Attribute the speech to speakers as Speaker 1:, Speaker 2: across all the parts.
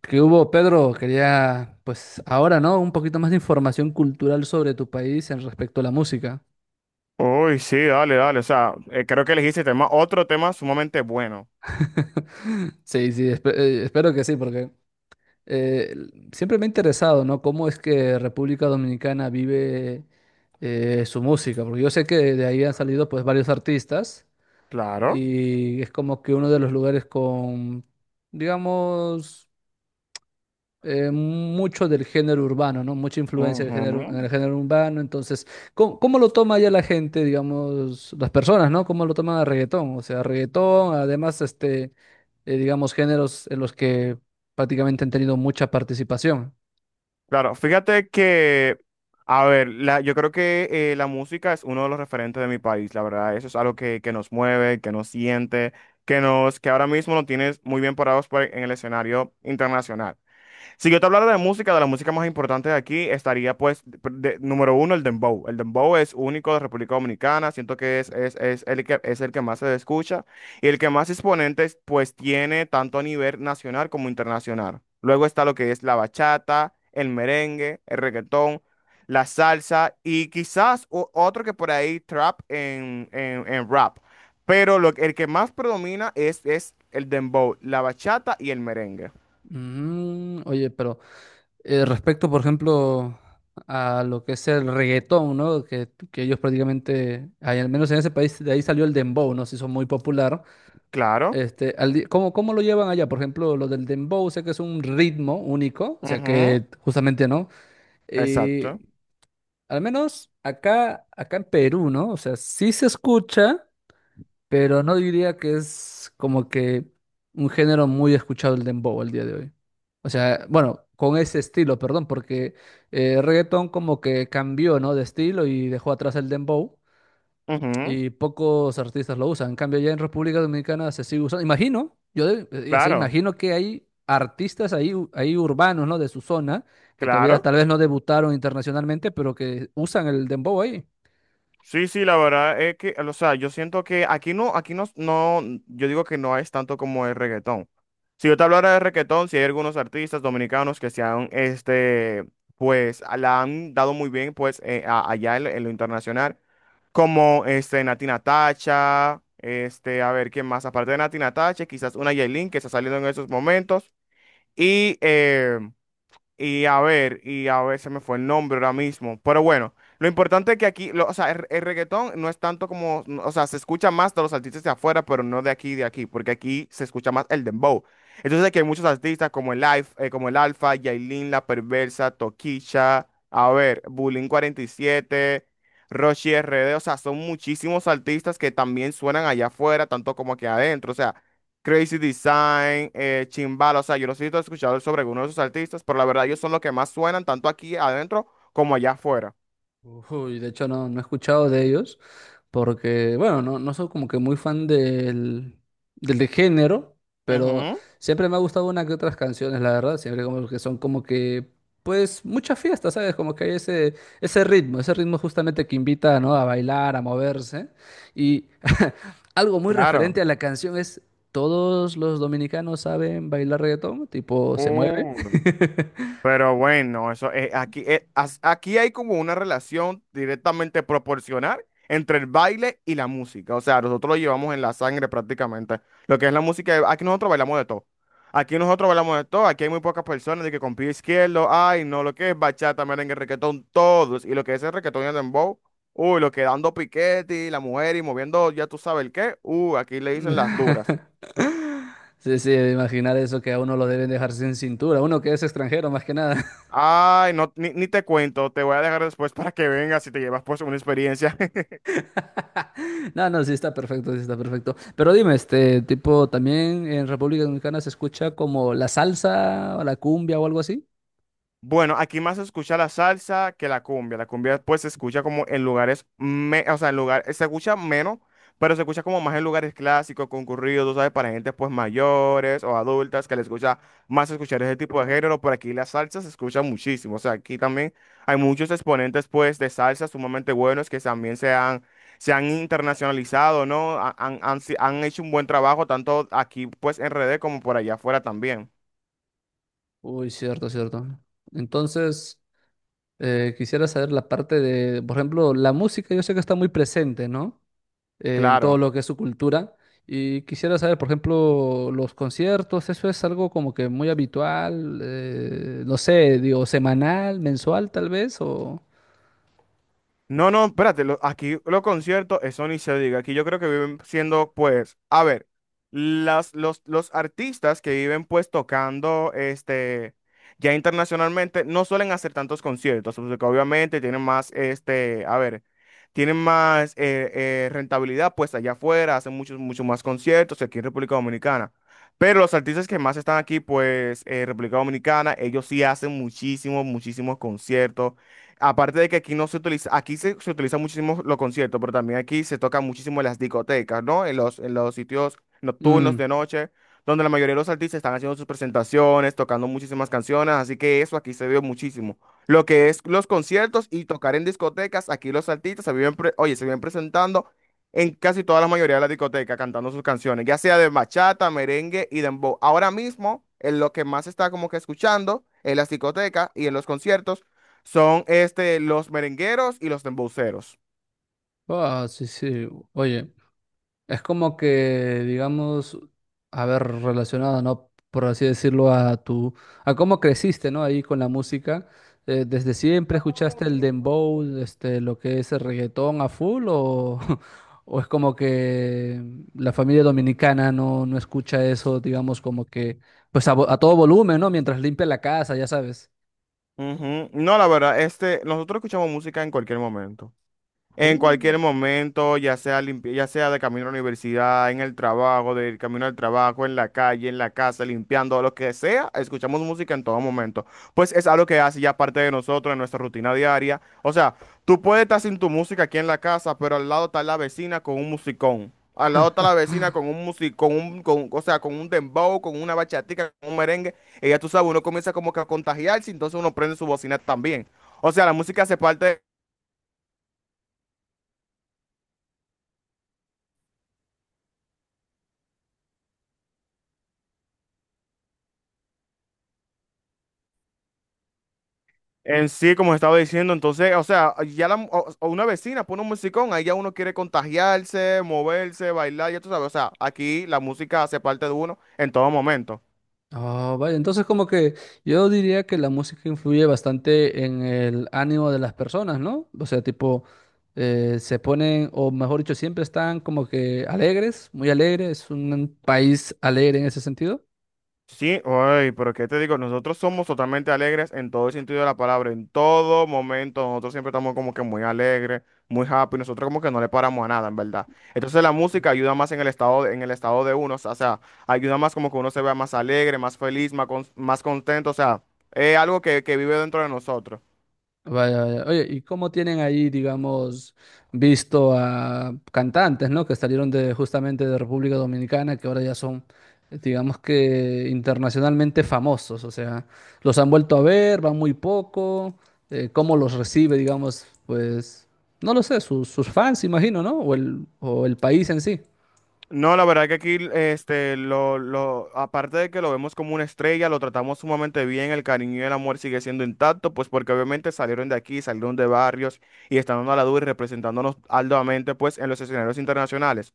Speaker 1: ¿Qué hubo, Pedro? Quería, pues ahora, ¿no? Un poquito más de información cultural sobre tu país en respecto a la música.
Speaker 2: Uy, sí, dale, dale. O sea, creo que elegiste otro tema sumamente bueno.
Speaker 1: Sí, sí, espero que sí, porque siempre me ha interesado, ¿no? ¿Cómo es que República Dominicana vive su música? Porque yo sé que de ahí han salido pues varios artistas
Speaker 2: Claro.
Speaker 1: y es como que uno de los lugares con, digamos, mucho del género urbano, ¿no? Mucha influencia del género, en
Speaker 2: Ujú.
Speaker 1: el género urbano. Entonces, ¿cómo lo toma ya la gente, digamos, las personas? ¿No? ¿Cómo lo toman a reggaetón? O sea, reggaetón, además, este, digamos, géneros en los que prácticamente han tenido mucha participación.
Speaker 2: Claro, fíjate que, a ver, yo creo que la música es uno de los referentes de mi país, la verdad. Eso es algo que nos mueve, que nos siente, que ahora mismo nos tienes muy bien parados en el escenario internacional. Si yo te hablara de música, de la música más importante de aquí, estaría pues, número uno, el dembow. El dembow es único de República Dominicana, siento que es el que más se escucha y el que más exponentes pues tiene tanto a nivel nacional como internacional. Luego está lo que es la bachata, el merengue, el reggaetón, la salsa y quizás otro que por ahí, trap en rap. Pero el que más predomina es el dembow, la bachata y el merengue.
Speaker 1: Mm, oye, pero respecto, por ejemplo, a lo que es el reggaetón, ¿no? Que ellos prácticamente, ay, al menos en ese país, de ahí salió el dembow, ¿no? Se hizo muy popular.
Speaker 2: Claro.
Speaker 1: Este, al ¿cómo lo llevan allá? Por ejemplo, lo del dembow, sé que es un ritmo único, o sea
Speaker 2: Ujú.
Speaker 1: que justamente no. Eh,
Speaker 2: Exacto.
Speaker 1: al menos acá, acá en Perú, ¿no? O sea, sí se escucha, pero no diría que es como que un género muy escuchado el dembow al día de hoy. O sea, bueno, con ese estilo, perdón, porque reggaetón como que cambió, ¿no? De estilo y dejó atrás el dembow
Speaker 2: Ujú,
Speaker 1: y pocos artistas lo usan. En cambio, ya en República Dominicana se sigue usando. Imagino, yo o sea,
Speaker 2: claro,
Speaker 1: imagino que hay artistas ahí, ahí urbanos, ¿no? De su zona, que todavía
Speaker 2: claro.
Speaker 1: tal vez no debutaron internacionalmente, pero que usan el dembow ahí.
Speaker 2: Sí, sí, la verdad es que, o sea, yo siento que aquí no, no, yo digo que no es tanto como el reggaetón. Si yo te hablara de reggaetón, si hay algunos artistas dominicanos que se han, este, pues, la han dado muy bien, pues, allá en lo internacional, como, este, Natina Tacha, este, a ver, ¿quién más? Aparte de Natina Tacha, quizás una Yailin que está saliendo en esos momentos, y, eh, y a ver, se me fue el nombre ahora mismo. Pero bueno, lo importante es que aquí, o sea, el reggaetón no es tanto como, no, o sea, se escucha más de los artistas de afuera, pero no de aquí, de aquí, porque aquí se escucha más el dembow. Entonces aquí hay muchos artistas como el Life, como el Alfa, Yailin, La Perversa, Toquilla, a ver, Bulín 47, Rochi RD, o sea, son muchísimos artistas que también suenan allá afuera, tanto como aquí adentro. O sea, Crazy Design, Chimbala, o sea, yo los he escuchado sobre algunos de esos artistas, pero la verdad ellos son los que más suenan tanto aquí adentro como allá afuera.
Speaker 1: Uy, de hecho no, no he escuchado de ellos porque, bueno, no, no soy como que muy fan del, del de género, pero
Speaker 2: Ujú,
Speaker 1: siempre me ha gustado una que otras canciones, la verdad, siempre como que son como que, pues, muchas fiestas, ¿sabes? Como que hay ese ritmo justamente que invita, ¿no? A bailar, a moverse. Y algo muy
Speaker 2: claro.
Speaker 1: referente a la canción es, todos los dominicanos saben bailar reggaetón, tipo, se mueve.
Speaker 2: Uh. Pero bueno, eso aquí, aquí hay como una relación directamente proporcional entre el baile y la música. O sea, nosotros lo llevamos en la sangre prácticamente. Lo que es la música, aquí nosotros bailamos de todo. Aquí nosotros bailamos de todo. Aquí hay muy pocas personas de que con pie izquierdo, ay, no, lo que es bachata, merengue, reggaetón, todos. Y lo que es el reggaetón y el dembow, uy, lo que dando piquete y la mujer y moviendo, ya tú sabes el qué, uy, aquí le dicen las duras.
Speaker 1: Sí, sí, imaginar eso que a uno lo deben dejar sin cintura, uno que es extranjero más que nada.
Speaker 2: Ay, no, ni te cuento, te voy a dejar después para que vengas y te llevas pues una experiencia.
Speaker 1: No, no, sí está perfecto, sí está perfecto. Pero dime, ¿este tipo también en República Dominicana se escucha como la salsa o la cumbia o algo así?
Speaker 2: Bueno, aquí más se escucha la salsa que la cumbia. La cumbia pues se escucha como en lugares, me- o sea, en lugares, se escucha menos, pero se escucha como más en lugares clásicos, concurridos, tú ¿sabes? Para gente pues mayores o adultas que les gusta más escuchar ese tipo de género. Por aquí la salsa se escucha muchísimo. O sea, aquí también hay muchos exponentes pues de salsa sumamente buenos que también se han internacionalizado, ¿no? Han, han, han si- han hecho un buen trabajo tanto aquí pues en RD como por allá afuera también.
Speaker 1: Uy, cierto, cierto. Entonces, quisiera saber la parte de, por ejemplo, la música. Yo sé que está muy presente, ¿no? En todo
Speaker 2: Claro.
Speaker 1: lo que es su cultura. Y quisiera saber, por ejemplo, los conciertos. ¿Eso es algo como que muy habitual, no sé, digo, semanal, mensual tal vez, o...?
Speaker 2: No, no, espérate, aquí los conciertos, eso ni se diga. Aquí yo creo que viven siendo, pues, a ver, los artistas que viven pues tocando este ya internacionalmente no suelen hacer tantos conciertos, pues, porque obviamente tienen más, este, a ver, tienen más rentabilidad pues allá afuera, hacen muchos, muchos más conciertos aquí en República Dominicana. Pero los artistas que más están aquí, pues, en República Dominicana, ellos sí hacen muchísimos, muchísimos conciertos. Aparte de que aquí no se utiliza, aquí se utiliza muchísimo los conciertos, pero también aquí se tocan muchísimo en las discotecas, ¿no? En los sitios nocturnos
Speaker 1: Mm.
Speaker 2: de noche, donde la mayoría de los artistas están haciendo sus presentaciones, tocando muchísimas canciones, así que eso aquí se vio muchísimo. Lo que es los conciertos y tocar en discotecas, aquí los artistas se viven, oye, se viven presentando en casi toda la mayoría de las discotecas cantando sus canciones, ya sea de bachata, merengue y dembow. Ahora mismo, en lo que más se está como que escuchando en las discotecas y en los conciertos son este, los merengueros y los dembowceros.
Speaker 1: Ah, sí, sí, oye. Es como que, digamos, a ver, relacionado, ¿no? Por así decirlo, a cómo creciste, ¿no? Ahí con la música. ¿Desde siempre escuchaste el dembow, este, lo que es el reggaetón a full? O, o es como que la familia dominicana no, no escucha eso, digamos, como que, pues a, a todo volumen, ¿no? Mientras limpia la casa, ya sabes.
Speaker 2: Ujú. No, la verdad, este, nosotros escuchamos música en cualquier momento. En
Speaker 1: Uh.
Speaker 2: cualquier momento, ya sea de camino a la universidad, en el trabajo, del camino al trabajo, en la calle, en la casa, limpiando, lo que sea, escuchamos música en todo momento. Pues es algo que hace ya parte de nosotros, en nuestra rutina diaria. O sea, tú puedes estar sin tu música aquí en la casa, pero al lado está la vecina con un musicón. Al lado está la vecina con un músico, o sea, con un dembow, con una bachatica, con un merengue. Y ya tú sabes, uno comienza como que a contagiarse, entonces uno prende su bocina también. O sea, la música hace parte. En sí, como estaba diciendo, entonces, o sea, o una vecina pone un musicón, ahí ya uno quiere contagiarse, moverse, bailar, ya tú sabes, o sea, aquí la música hace parte de uno en todo momento.
Speaker 1: Oh, vale, entonces como que yo diría que la música influye bastante en el ánimo de las personas, ¿no? O sea, tipo, se ponen, o mejor dicho, siempre están como que alegres, muy alegres. Es un país alegre en ese sentido.
Speaker 2: Sí, ay, pero qué te digo, nosotros somos totalmente alegres en todo el sentido de la palabra, en todo momento, nosotros siempre estamos como que muy alegres, muy happy, nosotros como que no le paramos a nada, en verdad. Entonces la música ayuda más en el estado de uno, o sea, ayuda más como que uno se vea más alegre, más feliz, más, más contento, o sea, es algo que vive dentro de nosotros.
Speaker 1: Vaya, vaya. Oye, ¿y cómo tienen ahí, digamos, visto a cantantes, ¿no? Que salieron de justamente de República Dominicana, que ahora ya son, digamos, que internacionalmente famosos? O sea, los han vuelto a ver, van muy poco. ¿Cómo los recibe, digamos, pues, no lo sé, sus, sus fans, imagino, ¿no? O el país en sí?
Speaker 2: No, la verdad que aquí, este, aparte de que lo vemos como una estrella, lo tratamos sumamente bien, el cariño y el amor sigue siendo intacto, pues porque obviamente salieron de aquí, salieron de barrios y están dando a la dura y representándonos altamente, pues, en los escenarios internacionales.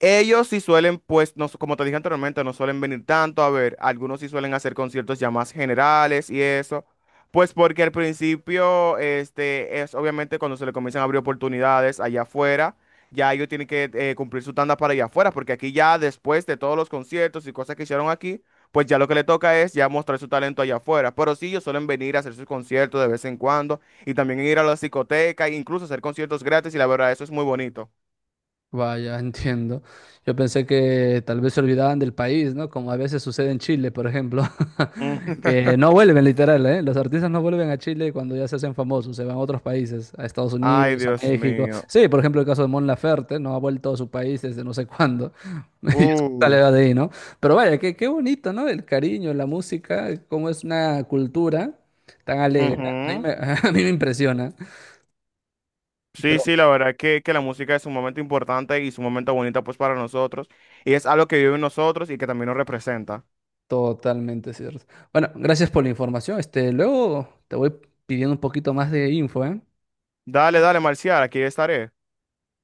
Speaker 2: Ellos sí suelen, pues, no, como te dije anteriormente, no suelen venir tanto, a ver, algunos sí suelen hacer conciertos ya más generales y eso. Pues porque al principio, este, es obviamente cuando se le comienzan a abrir oportunidades allá afuera, ya ellos tienen que cumplir su tanda para allá afuera, porque aquí ya después de todos los conciertos y cosas que hicieron aquí, pues ya lo que le toca es ya mostrar su talento allá afuera. Pero sí, ellos suelen venir a hacer sus conciertos de vez en cuando y también ir a la discoteca e incluso hacer conciertos gratis y la verdad, eso es muy bonito.
Speaker 1: Vaya, entiendo. Yo pensé que tal vez se olvidaban del país, ¿no? Como a veces sucede en Chile, por ejemplo,
Speaker 2: Mm.
Speaker 1: que no vuelven literal, ¿eh? Los artistas no vuelven a Chile cuando ya se hacen famosos, se van a otros países, a Estados
Speaker 2: Ay,
Speaker 1: Unidos, a
Speaker 2: Dios
Speaker 1: México.
Speaker 2: mío.
Speaker 1: Sí, por ejemplo, el caso de Mon Laferte, no ha vuelto a su país desde no sé cuándo. Y sale
Speaker 2: Uh,
Speaker 1: de ahí, ¿no? Pero vaya, qué, qué bonito, ¿no? El cariño, la música, cómo es una cultura tan alegre. A mí
Speaker 2: ujú.
Speaker 1: me, a mí me impresiona.
Speaker 2: Sí,
Speaker 1: Pero
Speaker 2: sí, la verdad que, la música es un momento importante y es un momento bonito pues para nosotros y es algo que vive en nosotros y que también nos representa.
Speaker 1: totalmente cierto. Bueno, gracias por la información. Este, luego te voy pidiendo un poquito más de info, ¿eh?
Speaker 2: Dale, dale, Marcial, aquí estaré.